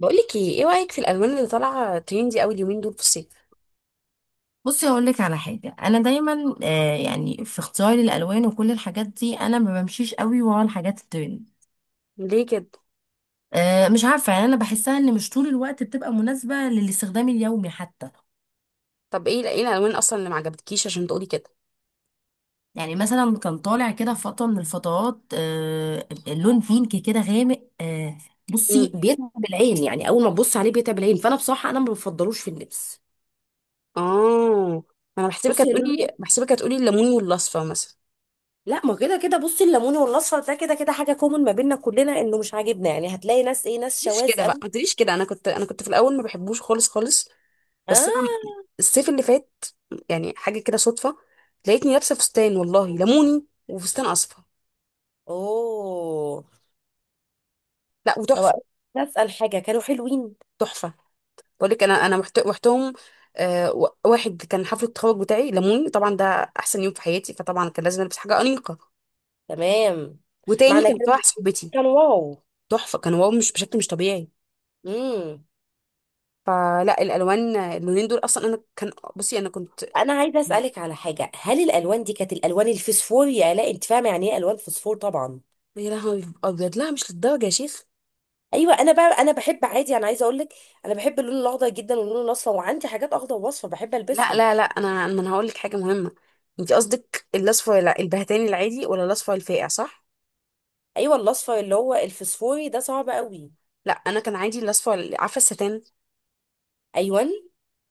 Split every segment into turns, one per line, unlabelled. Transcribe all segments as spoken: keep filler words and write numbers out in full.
بقولك ايه ايه رأيك في الالوان اللي طالعه تريندي قوي اليومين دول في الصيف؟
بصي، هقول لك على حاجه. انا دايما آه يعني في اختياري للالوان وكل الحاجات دي انا ما بمشيش قوي ورا الحاجات الترند.
ليه كده؟
آه مش عارفه، يعني انا بحسها ان مش طول الوقت بتبقى مناسبه للاستخدام اليومي حتى.
طب ايه ايه الالوان اصلا اللي ما عجبتكيش عشان تقولي كده؟
يعني مثلا كان طالع كده في فتره من الفترات آه اللون بينك كده غامق آه بصي،
امم.
بيتعب العين، يعني اول ما تبص عليه بيتعب العين، فانا بصراحه انا ما بفضلوش في اللبس.
اه. انا بحسبك
بصي، اللون.
هتقولي بحسبك هتقولي الليمون والاصفر مثلا.
لا، ما كده كده، بصي الليموني والاصفر ده كده كده حاجه كومن ما بيننا كلنا، انه مش عاجبنا. يعني هتلاقي ناس ايه ناس
مش
شواذ
كده بقى،
قوي.
ما تقوليش كده. انا كنت انا كنت في الاول ما بحبوش خالص خالص. بس انا
اه.
الصيف اللي فات، يعني حاجه كده صدفه، لقيتني لابسه فستان والله ليموني وفستان اصفر.
اوه.
لا
طب،
وتحفه.
نسأل حاجة، كانوا حلوين؟
تحفه. بقول لك، انا انا محت- رحتهم. آه، و- واحد كان حفله التخرج بتاعي لموني طبعا ده، احسن يوم في حياتي، فطبعا كان لازم البس حاجه انيقه.
تمام.
وتاني
معنى
كان في
كده؟
واحده صاحبتي.
كانوا واو؟
تحفه، كان واو مش بشكل، مش طبيعي.
امم.
فلا الالوان، اللونين دول اصلا انا كان بصي انا كنت،
انا عايزه اسالك على حاجه، هل الالوان دي كانت الالوان الفسفور يا لا؟ انت فاهمه يعني ايه الوان فسفور طبعا.
يا لهوي ابيض، لا مش للدرجه يا شيخ.
ايوه، انا بقى انا بحب عادي، انا عايزه اقول لك. انا بحب اللون الاخضر جدا واللون الاصفر، وعندي حاجات اخضر واصفر بحب
لا
البسهم.
لا لا، انا ما انا هقول لك حاجه مهمه. انت قصدك الاصفر الع- البهتاني العادي ولا الاصفر الفاقع، صح؟
ايوه، الاصفر اللي هو الفسفوري ده صعب قوي.
لا، انا كان عادي الاصفر، عارفه الستان.
ايوه.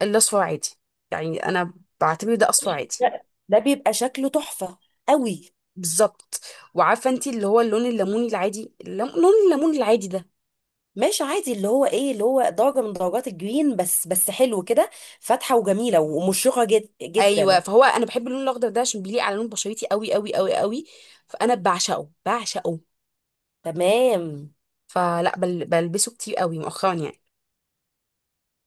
الاصفر عادي. يعني انا بعتبر ده اصفر عادي.
لا. ده بيبقى شكله تحفه قوي.
بالظبط. وعارفه انت اللي هو اللون الليموني العادي، اللم... لون الليمون العادي ده.
ماشي عادي، اللي هو ايه اللي هو درجة من درجات الجرين، بس بس حلو كده. فاتحة وجميلة ومشرقة جد
ايوه،
جدا
فهو انا بحب اللون الاخضر ده عشان بيليق على لون بشرتي قوي قوي قوي قوي. فانا بعشقه بعشقه.
تمام.
فلا بل... بلبسه كتير قوي مؤخرا يعني.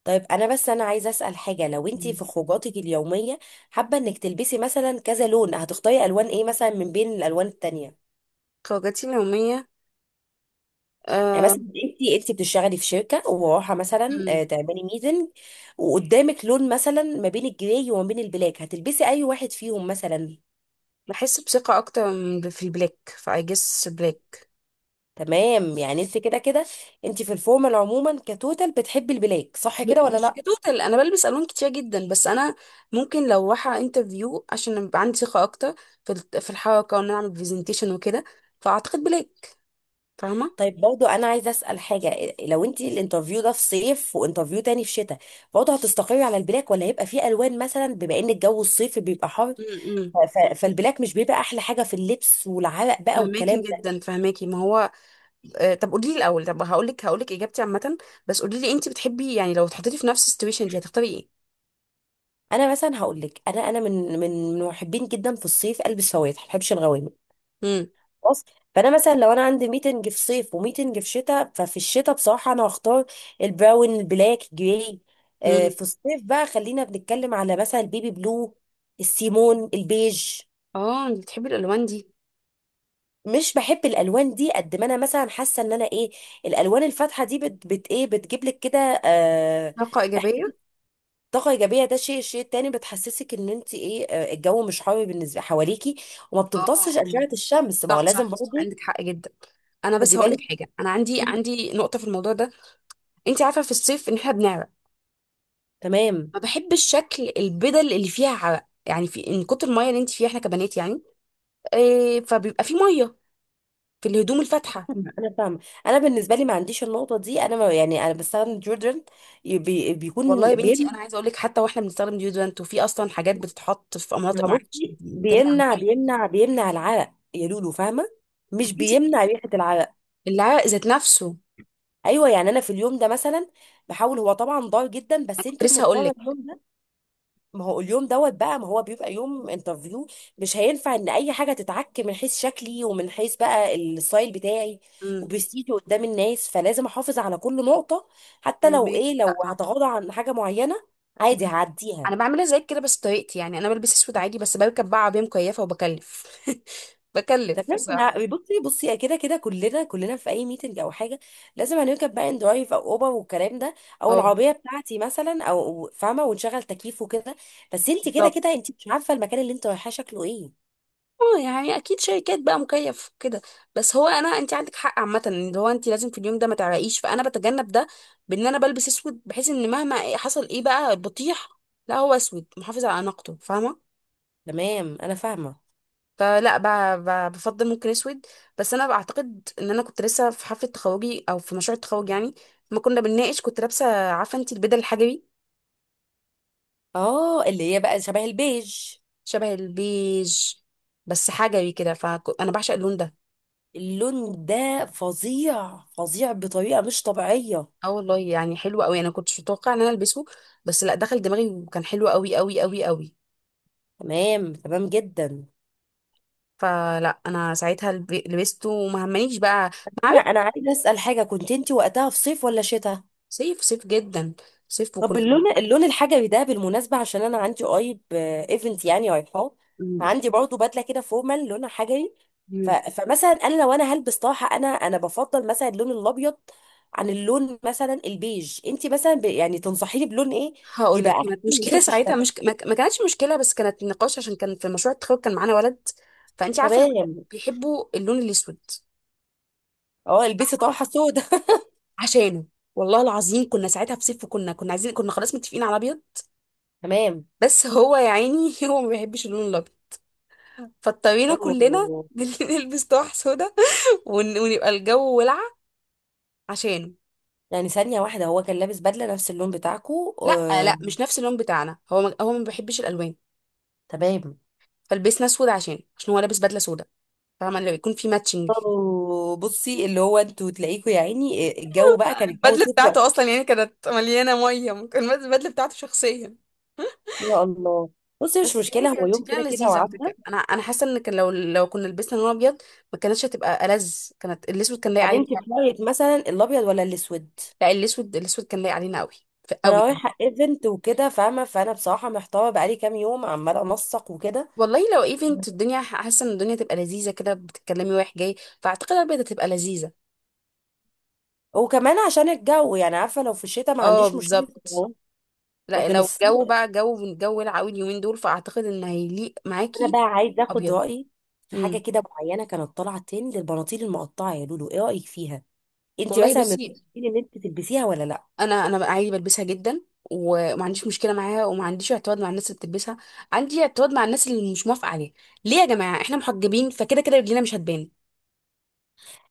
طيب، انا بس انا عايزة اسأل حاجة، لو انتي
مم.
في خروجاتك اليومية حابة انك تلبسي مثلا كذا لون، هتختاري الوان ايه مثلا من بين الالوان التانية؟
خروجاتي اليوميه.
يعني
أه...
مثلا انتي انتي بتشتغلي في شركة ورايحة مثلا
مم.
آه، تعملي ميتنج. وقدامك لون مثلا ما بين الجراي وما بين البلاك، هتلبسي اي واحد فيهم مثلا؟
بحس بثقه اكتر من- في البلاك، فاي جس بلاك.
تمام، يعني انت كده كده انت في الفورمال عموما كتوتال بتحبي البلاك، صح كده
ب-
ولا
مش
لا؟
كتوتال، انا بلبس الوان كتير جدا، بس انا ممكن لو رايحه انترفيو عشان يبقى عندي ثقه اكتر في الت- في الحركه، وان انا اعمل برزنتيشن وكده، فاعتقد بلاك. فاهمه؟
طيب، برضو انا عايزه اسال حاجه، لو انت الانترفيو ده في صيف وانترفيو تاني في شتاء برضو هتستقري على البلاك، ولا هيبقى فيه الوان مثلا بما ان الجو الصيفي بيبقى حر؟
امم.
ف- ف- فالبلاك مش بيبقى احلى حاجه في اللبس والعرق بقى
فهماكي
والكلام ده.
جدا، فهماكي، ما هو آه، طب قولي لي الاول، طب هقول لك هقول لك اجابتي عامه. بس قولي لي انت بتحبي يعني، لو اتحطيتي في نفس السيتويشن دي هتختاري ايه؟
انا مثلا هقول لك، انا انا من من من محبين جدا في الصيف البس فواتح، ما بحبش الغوامق.
امم.
خلاص. فانا مثلا لو انا عندي ميتنج في صيف وميتنج في شتاء، ففي الشتاء بصراحه انا هختار البراون، البلاك، جراي. آه،
امم.
في الصيف بقى خلينا بنتكلم على مثلا البيبي بلو، السيمون، البيج.
اه، انت بتحبي الالوان دي؟
مش بحب الالوان دي قد ما انا مثلا حاسه ان انا ايه الالوان الفاتحه دي بت, بت ايه بتجيب لك كده. آه
طاقه
إح-
ايجابيه.
طاقه ايجابيه، ده شيء. الشيء التاني بتحسسك ان انت ايه آه، الجو مش حر بالنسبه حواليكي، وما
اه.
بتمتصش
آه.
اشعه الشمس، ما هو
صح
لازم
صح صح.
برضه.
عندك حق جدا. انا بس
خدي
هقول لك
بالك.
حاجه، انا عندي عندي نقطه في الموضوع ده. انت عارفه في الصيف ان احنا بنعرق.
تمام.
ما بحبش شكل البدل اللي فيها عرق، يعني في من كتر الميه اللي انت فيها، احنا كبنات يعني، إيه، فبيبقى في ميه في الهدوم الفاتحه.
انا فاهمه. انا بالنسبه لي ما عنديش النقطه دي، انا ما يعني انا بستخدم ديودرنت. بي
والله يا
بيكون
بنتي
بيمنع.
انا عايزه اقول لك، حتى واحنا بنستخدم ديودرنت، وفي اصلا حاجات بتتحط في مناطق معينه عشان
بصي،
تمنع
بيمنع
الميه.
بيمنع بيمنع العرق يا لولو، فاهمه؟ مش
انتي،
بيمنع ريحه العرق.
العرق ذات نفسه.
ايوه، يعني انا في اليوم ده مثلا بحاول، هو طبعا ضار جدا، بس
كنت
انت
لسه هقول
مضطره
لك.
اليوم ده. ما هو اليوم دوت بقى، ما هو بيبقى يوم انترفيو، مش هينفع ان اي حاجه تتعك من حيث شكلي ومن حيث بقى الستايل بتاعي،
امم.
وبستيجي قدام الناس، فلازم احافظ على كل نقطه. حتى لو
فهميكي.
ايه
لا،
لو
صح.
هتغاضى عن حاجه معينه عادي
أمم.
هعديها.
انا بعملها زيك كده بس بطريقتي. يعني انا بلبس اسود عادي، بس بركب بقى عربيه مكيفه وبكلف بكلف،
تمام، انا
صح؟
بصي بصي كده كده كلنا كلنا في اي ميتنج او حاجه لازم هنركب بقى ان درايف او اوبر والكلام ده، او
اه.
العربيه بتاعتي مثلا، او فاهمه، ونشغل تكييف وكده. بس انت كده
بالظبط.
كده انت مش عارفه المكان اللي انت رايحاه شكله ايه.
اه يعني اكيد شركات بقى مكيف كده. بس هو انا، انت عندك حق عامه، ان هو انت لازم في اليوم ده ما تعرقيش، فانا بتجنب ده بان انا بلبس اسود، بحيث ان مهما حصل ايه بقى بطيح، لا، هو اسود محافظ على اناقته، فاهمه؟
تمام، انا فاهمه.
فلا ب- ب- بفضل ممكن اسود. بس انا بعتقد ان انا كنت لسه في حفله تخرجي، او في مشروع التخرج يعني، ما كنا بنناقش، كنت لابسه، عارفه انت، البدل الحجري.
اه، اللي هي بقى شبه البيج.
شبه البيج. بس حجري كده، فانا بعشق اللون ده.
اللون ده فظيع فظيع بطريقة مش طبيعية.
اه والله يعني حلو قوي، انا كنتش متوقعه ان انا البسه، بس لا دخل دماغي، وكان حلو قوي قوي قوي قوي.
تمام تمام جدا.
فلا انا ساعتها الب- لبسته، وما همنيش بقى. ما
لا،
عارف.
انا عايزة اسأل حاجة، كنت انت وقتها في صيف ولا شتاء؟
صيف صيف جدا. صيف،
طب،
وكنا.
اللون اللون الحجري ده بالمناسبة، عشان انا عندي قريب ايفنت يعني رايحاه،
مم.
عندي برضه بدلة كده فورمال لونها حجري. ف...
مم.
فمثلا انا لو انا هلبس طرحة انا انا بفضل مثلا اللون الابيض عن اللون مثلا البيج، انت مثلا ب... يعني تنصحيني بلون ايه
هقول
يبقى
لك،
احسن
كانت
من
مشكله
حيث
ساعتها،
الشكل؟
مش ما ما كانتش مشكله، بس كانت نقاش. عشان كان في مشروع التخرج كان معانا ولد، فانت عارفه الولاد
تمام،
بيحبوا اللون الاسود.
اه البسي طرحه سودا.
عشانه، والله العظيم كنا ساعتها في صيف، وكنا كنا عايزين، كنا خلاص متفقين على ابيض،
تمام.
بس هو يا عيني هو ما بيحبش اللون الابيض، فاضطرينا كلنا
اوه،
نلبس طرح سودا، ون... ونبقى الجو ولعة عشانه.
يعني ثانيه واحده، هو كان لابس بدله نفس اللون بتاعكو
لا
آه.
لا، مش نفس اللون بتاعنا، هو ما... هو ما بيحبش الالوان.
تمام.
فلبسنا اسود عشانه، عشان هو لابس بدله سودا، فاهمه، اللي بيكون في ماتشنج.
اوه، بصي، اللي هو انتوا تلاقيكوا يا عيني، آه، الجو بقى كان الجو
البدله
صيف وقت.
بتاعته اصلا يعني كانت مليانه ميه، كان البدله بتاعته شخصيا.
يا الله. بصي مش
بس يعني
مشكله، هو
كانت
يوم
شكلها
كده كده
لذيذ على
وعدى.
فكره. انا انا حاسه ان كان، لو لو كنا لبسنا لون ابيض ما كانتش هتبقى ألذ، كانت الاسود كان لايق علينا.
هنمشي في رايك، مثلا الابيض ولا الاسود؟
لا، الاسود، الاسود كان لايق علينا قوي.
انا
قوي.
رايحه ايفنت وكده فاهمه، فانا بصراحه محتاره بقالي كام يوم عماله انسق وكده.
والله لو ايفنت، الدنيا ح- حاسه ان الدنيا تبقى لذيذه كده، بتتكلمي رايح جاي، فاعتقد البيضه تبقى لذيذه.
وكمان عشان الجو، يعني عارفه لو في الشتاء ما
اه،
عنديش مشكله في
بالظبط.
الجو،
لا
لكن
لو
الصيف.
الجو بقى جو من جو العوي اليومين دول، فاعتقد ان هيليق
انا
معاكي
بقى عايز اخد
ابيض.
رايي في حاجه
امم.
كده معينه كانت طالعه ترند للبناطيل المقطعه يا لولو، ايه رايك فيها؟ انت
والله
مثلا من
بصي،
المقتنعين ان انت تلبسيها ولا لا؟
انا انا بقى عادي بلبسها جدا، وما عنديش مشكله معاها، وما عنديش اعتراض مع الناس اللي بتلبسها. عندي اعتراض مع الناس اللي مش موافقه عليها. ليه يا جماعه؟ احنا محجبين، فكده كده رجلينا مش هتبان.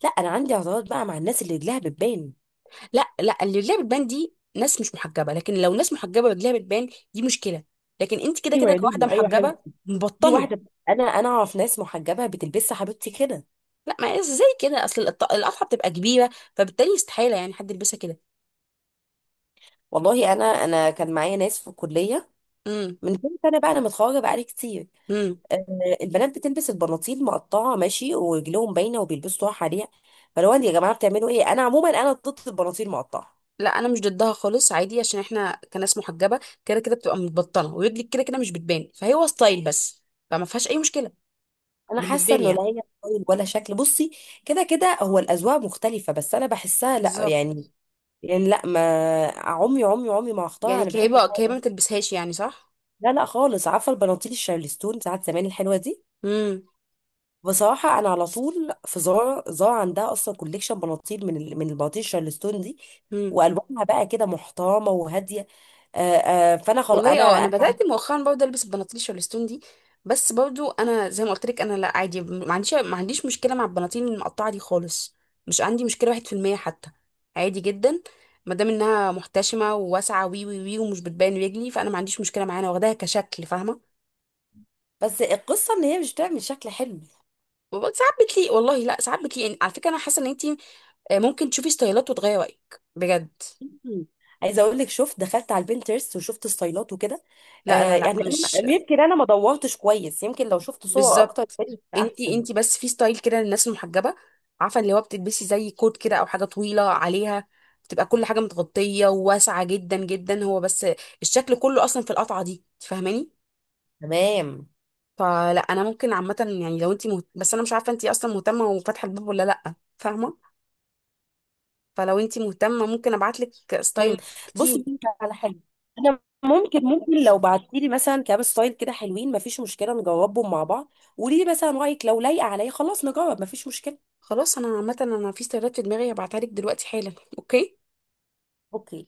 لا، انا عندي اعتراض بقى مع الناس اللي رجلها بتبان.
لا لا، اللي رجليها بتبان دي ناس مش محجبه، لكن لو ناس محجبه رجليها بتبان، دي مشكله. لكن انت كده
ايوه
كده
يا
كواحده
لولو، ايوه حلو.
محجبه،
في
مبطنه.
واحده، انا انا اعرف ناس محجبه بتلبسها حبيبتي كده.
لا، ما ازاي كده؟ اصل القط- القطعه بتبقى كبيره، فبالتالي استحاله يعني حد يلبسها كده.
والله انا انا كان معايا ناس في الكليه
امم.
من كام سنه بقى، انا متخرجه بقالي كتير.
امم.
آه، البنات بتلبس البناطيل مقطعه ماشي، ورجلهم باينه وبيلبسوا طرح عليها. فلو انت يا جماعه بتعملوا ايه؟ انا عموما انا ضد البناطيل المقطعه.
لا انا مش ضدها خالص، عادي، عشان احنا كناس محجبه كده كده بتبقى متبطنه، ورجلك كده كده مش بتبان، فهو ستايل بس، فما فيهاش اي مشكله،
انا
بالنسبه
حاسه
لي
انه لا
يعني.
هي ستايل ولا شكل. بصي، كده كده هو الاذواق مختلفه، بس انا بحسها لا،
بالظبط.
يعني. يعني لا ما عمي عمي عمي ما اختار
يعني
انا بحب
كهيبه
بقى،
كهيبه ما
إيه؟
تلبسهاش يعني، صح؟
لا لا خالص، عارفه البناطيل الشارلستون ساعات زمان الحلوه دي؟
امم.
بصراحه انا على طول في زارا، زارا عندها اصلا كوليكشن بناطيل من ال- من البناطيل الشارلستون دي،
امم.
والوانها بقى كده محترمه وهاديه. آه آه فانا خلاص
والله اه،
انا
انا بدات
أنا-
مؤخرا برضه البس البناطيل الستون دي. بس برضه انا زي ما قلت لك، انا لا عادي، ما عنديش ما عنديش مشكله مع البناطيل المقطعه دي خالص. مش عندي مشكله واحد في المية حتى. عادي جدا. ما دام انها محتشمه وواسعه وي وي وي، ومش بتبان رجلي، فانا ما عنديش مشكله معاها، انا واخداها كشكل، فاهمه.
بس القصه ان هي مش بتعمل شكل حلو.
وبرضه ساعات بتليق، والله لا ساعات بتليق يعني على فكره. انا حاسه ان انت ممكن تشوفي ستايلات وتغيري رايك بجد.
مم. عايزه اقول لك، شفت، دخلت على البنترست وشفت ستايلات وكده.
لا
آه
لا لا،
يعني
مش
انا يمكن انا ما دورتش كويس، يمكن لو شفت صور اكتر
بالظبط.
كانت هتبقى
انتي
احسن.
انتي بس في ستايل كده للناس المحجبه، عارفه اللي هو بتلبسي زي كوت كده، او حاجه طويله عليها، بتبقى كل حاجه متغطيه وواسعه جدا جدا. هو بس الشكل كله اصلا في القطعه دي، تفهماني؟
تمام.
فلا انا ممكن عامه يعني، لو انتي مهت... بس انا مش عارفه انتي اصلا مهتمه وفاتحه الباب ولا لا، فاهمه. فلو انتي مهتمه ممكن ابعتلك ستايل
مم. بصي
كتير.
ممكن على حاجه، انا ممكن ممكن لو بعتي لي مثلا كام ستايل كده حلوين ما فيش مشكله نجربهم مع بعض. قولي لي مثلا رايك، لو لايقه عليا خلاص نجرب ما فيش مشكله.
خلاص، انا عامه انا في ستايلات في دماغي هبعتها لك دلوقتي حالا. اوكي.
اوكي.